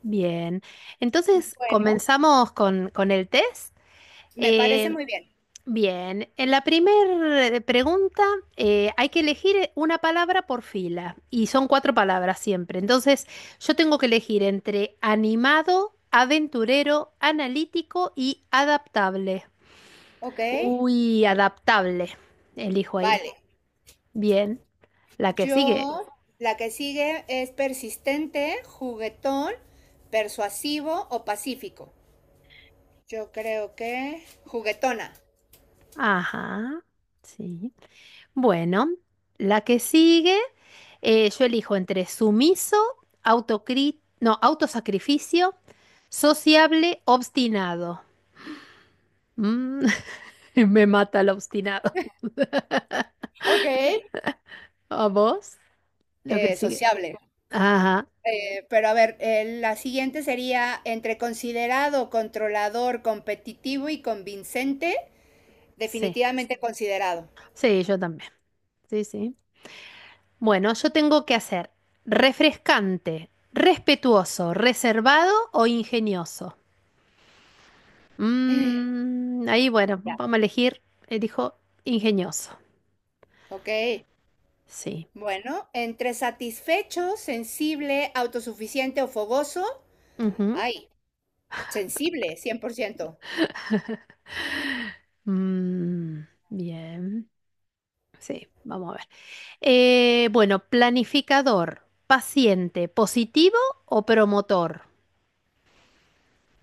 Bien, entonces Bueno, comenzamos con el test. me parece Eh, muy bien. bien, en la primera pregunta hay que elegir una palabra por fila y son cuatro palabras siempre. Entonces yo tengo que elegir entre animado, aventurero, analítico y adaptable. Ok, Uy, adaptable. Elijo ahí. vale. Bien, la que sigue. Yo, la que sigue es persistente, juguetón, persuasivo o pacífico. Yo creo que juguetona. Ajá, sí. Bueno, la que sigue, yo elijo entre sumiso, no, autosacrificio, sociable, obstinado. Mm, me mata el obstinado. Ok. ¿A vos? Lo que eh, sigue. sociable. Ajá, Pero a ver, la siguiente sería entre considerado, controlador, competitivo y convincente, sí. definitivamente considerado. Sí, yo también. Sí, sí. Bueno, yo tengo que hacer refrescante, respetuoso, reservado o ingenioso. Ahí, bueno, Ya. vamos a elegir, elijo ingenioso. Ok. Sí. Bueno, entre satisfecho, sensible, autosuficiente o fogoso. Ujú. Ay, sensible, 100%. Mm, bien. Sí, vamos a ver. Bueno, planificador, paciente, positivo o promotor.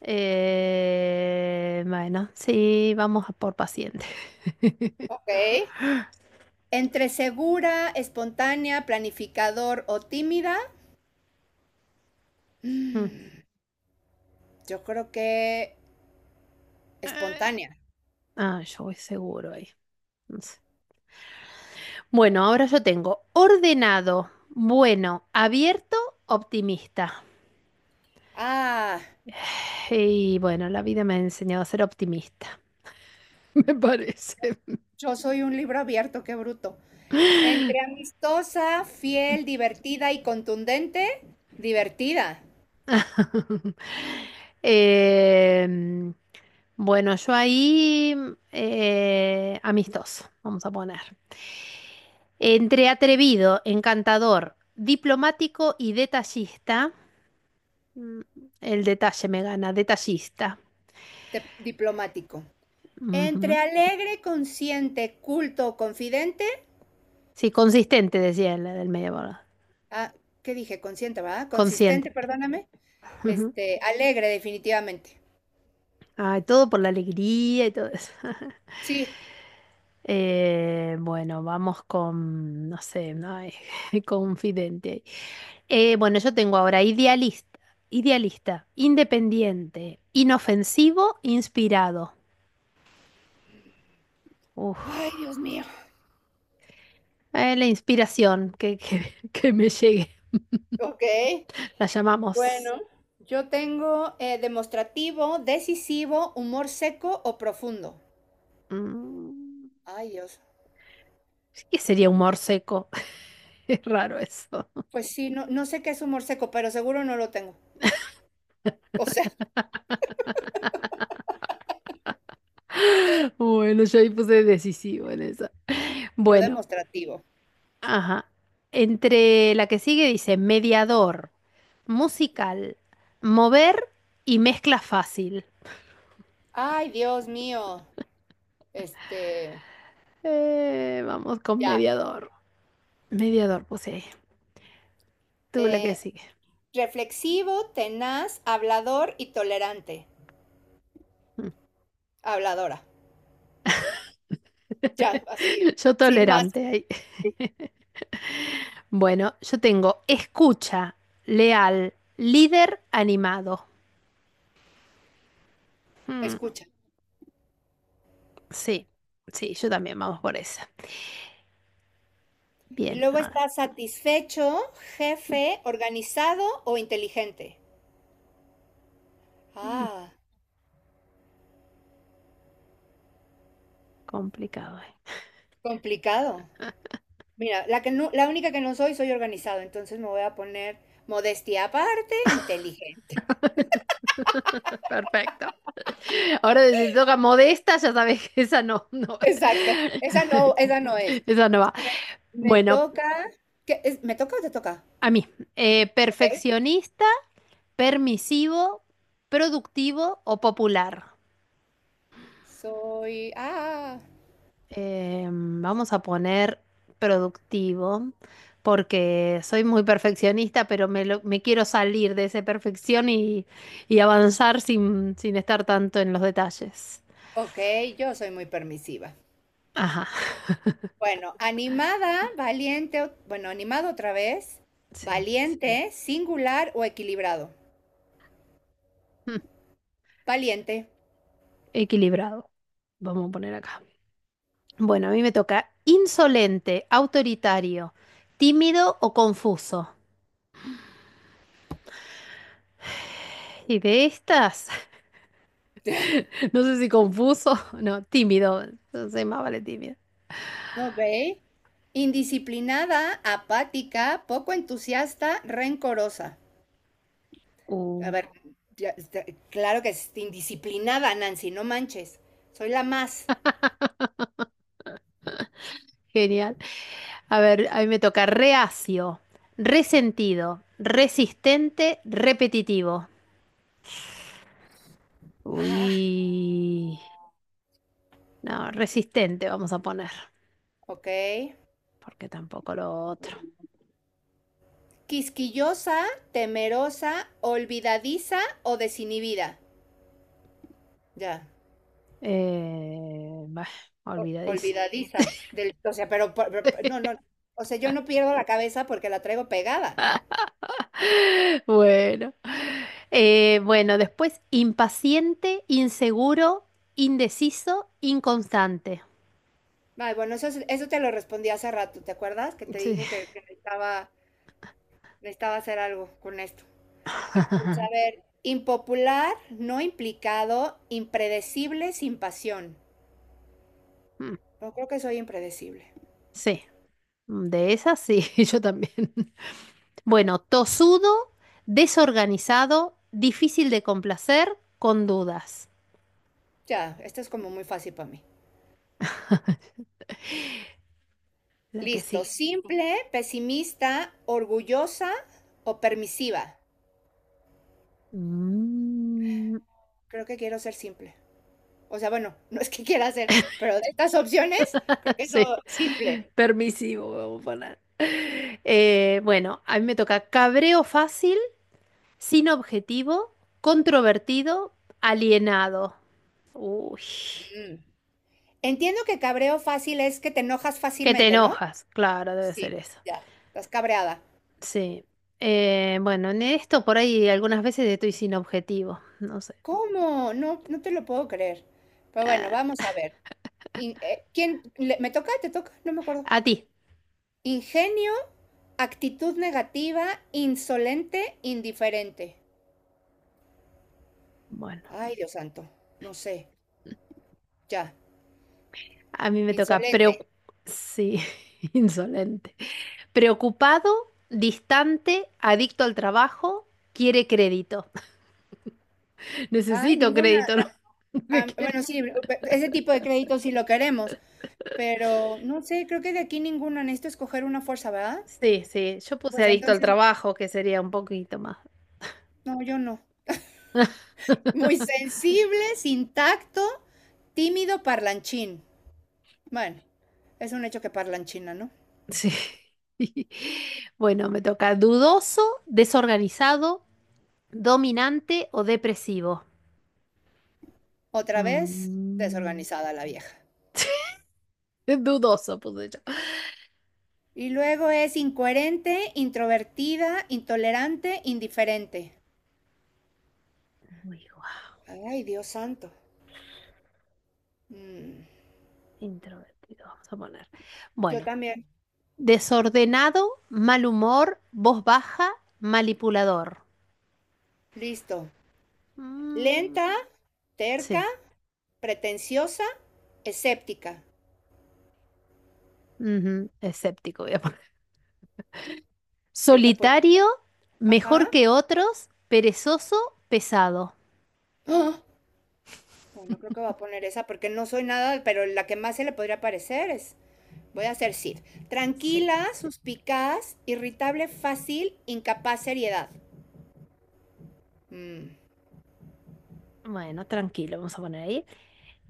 Bueno, sí, vamos a por paciente. Ok. Entre segura, espontánea, planificador o tímida. Mm. mm, Yo creo que Eh. espontánea. Ah, yo voy seguro ahí. No sé. Bueno, ahora yo tengo ordenado, bueno, abierto, optimista. Ah, Y bueno, la vida me ha enseñado a ser optimista, me parece. yo soy un libro abierto, qué bruto. Entre amistosa, fiel, divertida y contundente. Divertida. Em, bueno, yo ahí amistoso, vamos a poner. Entre atrevido, encantador, diplomático y detallista. mm, El detalle me gana, detallista. Diplomático. Entre Ujú. alegre, consciente, culto o confidente. Sí, consistente, decía el del medio, ¿verdad? Ah, ¿qué dije? Consciente, ¿verdad? Consistente, Consciente. perdóname. Ujú. Alegre, definitivamente. Ay, todo por la alegría y todo eso. Sí. Bueno, vamos con, no sé, no ay, confidente. Bueno, yo tengo ahora idealista, idealista, independiente, inofensivo, inspirado. Uf, Ay, Dios mío. La inspiración que me llegue, Ok, la bueno. llamamos. Yo tengo demostrativo, decisivo, humor seco o profundo. mm, Ay, Dios. ¿Qué sería Mm, humor seco? Es raro eso. Pues sí, no, no sé qué es humor seco, pero seguro no lo tengo. O sea, Bueno, yo ahí puse decisivo en esa. yo Bueno, demostrativo. ajá. Entre la que sigue dice mediador, musical, mover y mezcla fácil. Ay, Dios mío. Este, Vamos con ya. mediador. Mediador, puse. Tú, la que Eh, sigue. reflexivo, tenaz, hablador y tolerante. Habladora. Ya, así, Yo sin más, tolerante ahí. Bueno, yo tengo escucha, leal, líder animado. Mm, escucha. sí, sí, yo también vamos por esa. Y Bien, luego ahora. está satisfecho, jefe, organizado o inteligente. Mm, Ah, complicado. complicado. Mira, la única que no soy, soy organizado, entonces me voy a poner modestia aparte, inteligente. Perfecto. Ahora si te toca modesta, ya sabes que esa no, no. Exacto, esa no es. Esa no va. Me, me Bueno, toca, ¿qué es? ¿Me toca o te toca? a mí, Ok. perfeccionista, permisivo, productivo o popular. Soy, ah, Vamos a poner productivo porque soy muy perfeccionista, pero me quiero salir de esa perfección y avanzar sin, sin estar tanto en los detalles. ok, yo soy muy permisiva. Ajá, Bueno, animada, valiente, bueno, animado otra vez, sí. valiente, singular o equilibrado. Mm, Valiente. Equilibrado. Vamos a poner acá. Bueno, a mí me toca insolente, autoritario, tímido o confuso. Y de estas, no sé si confuso, no, tímido, no sé, más vale tímido. Ok. Indisciplinada, apática, poco entusiasta, rencorosa. Uh, A ver, claro que es indisciplinada, Nancy, no manches. Soy la más. Genial. A ver, a mí me toca reacio, resentido, resistente, repetitivo. Ah, Uy, no, resistente vamos a poner, ok. porque tampoco lo otro. Quisquillosa, temerosa, olvidadiza o desinhibida. Ya. Bah, o- olvidadiza. olvidadiza. O sea, pero, no, no. O sea, yo no pierdo la cabeza porque la traigo pegada. Bueno. Bueno, después impaciente, inseguro, indeciso, inconstante. Ay, bueno, eso, eso te lo respondí hace rato, ¿te acuerdas? Que te Sí. dije que necesitaba hacer algo con esto. Pues, a ver, impopular, no implicado, impredecible, sin pasión. Mm, No creo que soy impredecible. sí, de esas sí, yo también. Bueno, tosudo, desorganizado, difícil de complacer, con dudas. Ya, esto es como muy fácil para mí. La que Listo, sigue. simple, pesimista, orgullosa o permisiva. Mm, Creo que quiero ser simple. O sea, bueno, no es que quiera hacer, pero de estas opciones, creo que eso sí, simple. permisivo, vamos a poner. Bueno, a mí me toca cabreo fácil, sin objetivo, controvertido, alienado. Uy, Mm. Entiendo que cabreo fácil es que te enojas que te fácilmente, ¿no? enojas, claro, debe ser Sí. eso. Ya, estás cabreada. Sí. Bueno, en esto por ahí algunas veces estoy sin objetivo, no sé. ¿Cómo? No, no te lo puedo creer. Pero bueno, Eh, vamos a ver. ¿Quién me toca? ¿Te toca? No me acuerdo. a ti. Ingenio, actitud negativa, insolente, indiferente. Bueno. Ay, Dios santo, no sé. Ya, A mí me toca insolente. preocu-. Sí, insolente. Preocupado, distante, adicto al trabajo, quiere crédito. Ay, Necesito ninguna. crédito, ¿no? Lo que ah, ah, quiero. bueno, sí, ese tipo de créditos sí lo queremos. Pero no sé, creo que de aquí ninguno. Necesito escoger una fuerza, ¿verdad? Sí, sí, yo puse Pues adicto al entonces, trabajo, que sería un poquito más. no, yo no. Muy sensible, sin tacto, tímido, parlanchín. Bueno, es un hecho que parlanchina, ¿no? Sí. Bueno, me toca dudoso, desorganizado, dominante o depresivo. Otra vez, Mm, desorganizada la vieja. dudoso puse yo. Y luego es incoherente, introvertida, intolerante, indiferente. Uy, Ay, Dios santo. Mm, introvertido, vamos a poner. yo Bueno, también. desordenado, mal humor, voz baja, manipulador. Listo. Mm, Lenta, terca, sí, pretenciosa, escéptica. ujú, escéptico, voy a poner. Yo que por, Solitario, mejor Ajá. que otros, perezoso, pesado. ¡Ah! Bueno, creo que voy a poner esa porque no soy nada, pero la que más se le podría parecer es, voy a hacer Sid. Sí, Tranquila, suspicaz, irritable, fácil, incapaz, seriedad. Mm. bueno, tranquilo, vamos a poner ahí.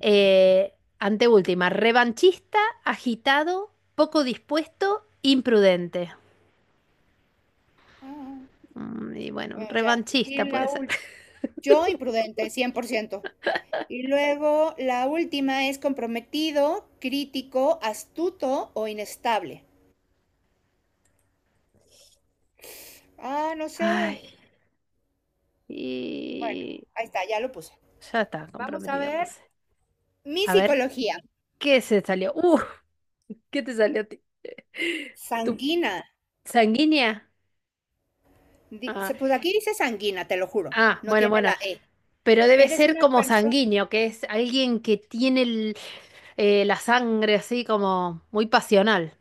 Eh, Anteúltima, revanchista, agitado, poco dispuesto, imprudente. Ah, Y bueno, bueno, ya. Y revanchista puede la ser. última, yo imprudente, 100%. Y luego la última es comprometido, crítico, astuto o inestable. Ah, no sé. Ay, Bueno, y ahí está, ya lo puse. ya está, Vamos a comprometido, ver. puse. Mi A ver, psicología, ¿qué se salió? ¿Qué te salió a ti? ¿Tu sanguina. sanguínea? Ah, Dice, pues aquí dice sanguina, te lo juro, ah, no bueno, tiene bueno. la E. Pero debe Eres ser una como persona, sanguíneo, que es alguien que tiene la sangre así como muy pasional.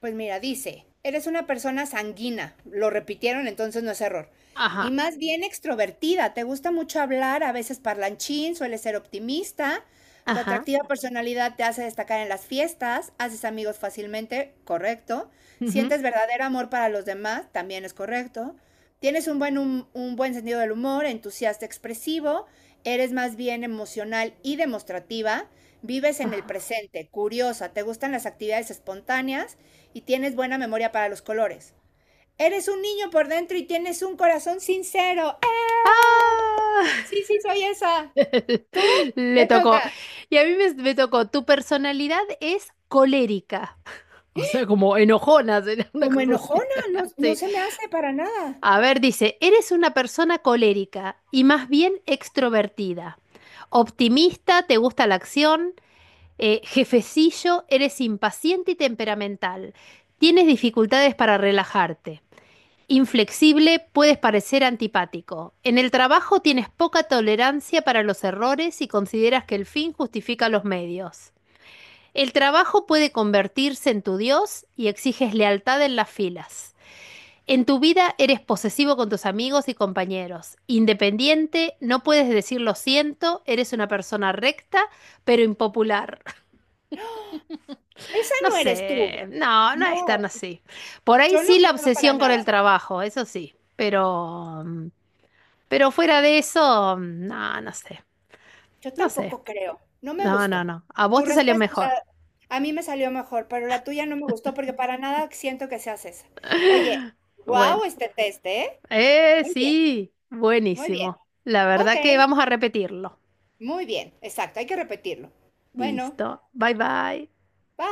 Pues mira, dice, eres una persona sanguínea, lo repitieron, entonces no es error. Ajá, Y más bien extrovertida, te gusta mucho hablar, a veces parlanchín, sueles ser optimista, tu ajá. atractiva personalidad te hace destacar en las fiestas, haces amigos fácilmente, correcto. Ujú, Sientes verdadero amor para los demás, también es correcto. Tienes un buen sentido del humor, entusiasta, expresivo, eres más bien emocional y demostrativa, vives en el ajá. presente, curiosa, te gustan las actividades espontáneas y tienes buena memoria para los colores. Eres un niño por dentro y tienes un corazón sincero. ¡Eh! ¡Ah! Sí, sí, soy esa. Tú Le Te tocó. toca. Y a mí me tocó. Tu personalidad es colérica. O sea, como enojona, será una Como cosa así. enojona, no, no Sí. se me hace para nada. A ver, dice, eres una persona colérica y más bien extrovertida. Optimista, te gusta la acción, jefecillo, eres impaciente y temperamental. Tienes dificultades para relajarte. Inflexible, puedes parecer antipático. En el trabajo tienes poca tolerancia para los errores y consideras que el fin justifica los medios. El trabajo puede convertirse en tu Dios y exiges lealtad en las filas. En tu vida eres posesivo con tus amigos y compañeros, independiente, no puedes decir lo siento, eres una persona recta, pero impopular. Esa No no eres tú. sé, no, no es tan No, así. Por ahí yo no sí la creo para obsesión con el nada. trabajo, eso sí, pero fuera de eso, no, no sé, Yo no sé, tampoco creo. No me no, no, gustó. no. A vos Tu te salió respuesta, o mejor. sea, a mí me salió mejor, pero la tuya no me gustó porque para nada siento que seas esa. Oye, Bueno, wow, este test, ¿eh? Muy bien, sí, muy bien. buenísimo. La Ok. verdad que vamos a repetirlo. Muy bien, exacto, hay que repetirlo. Bueno, Listo, bye bye. bye.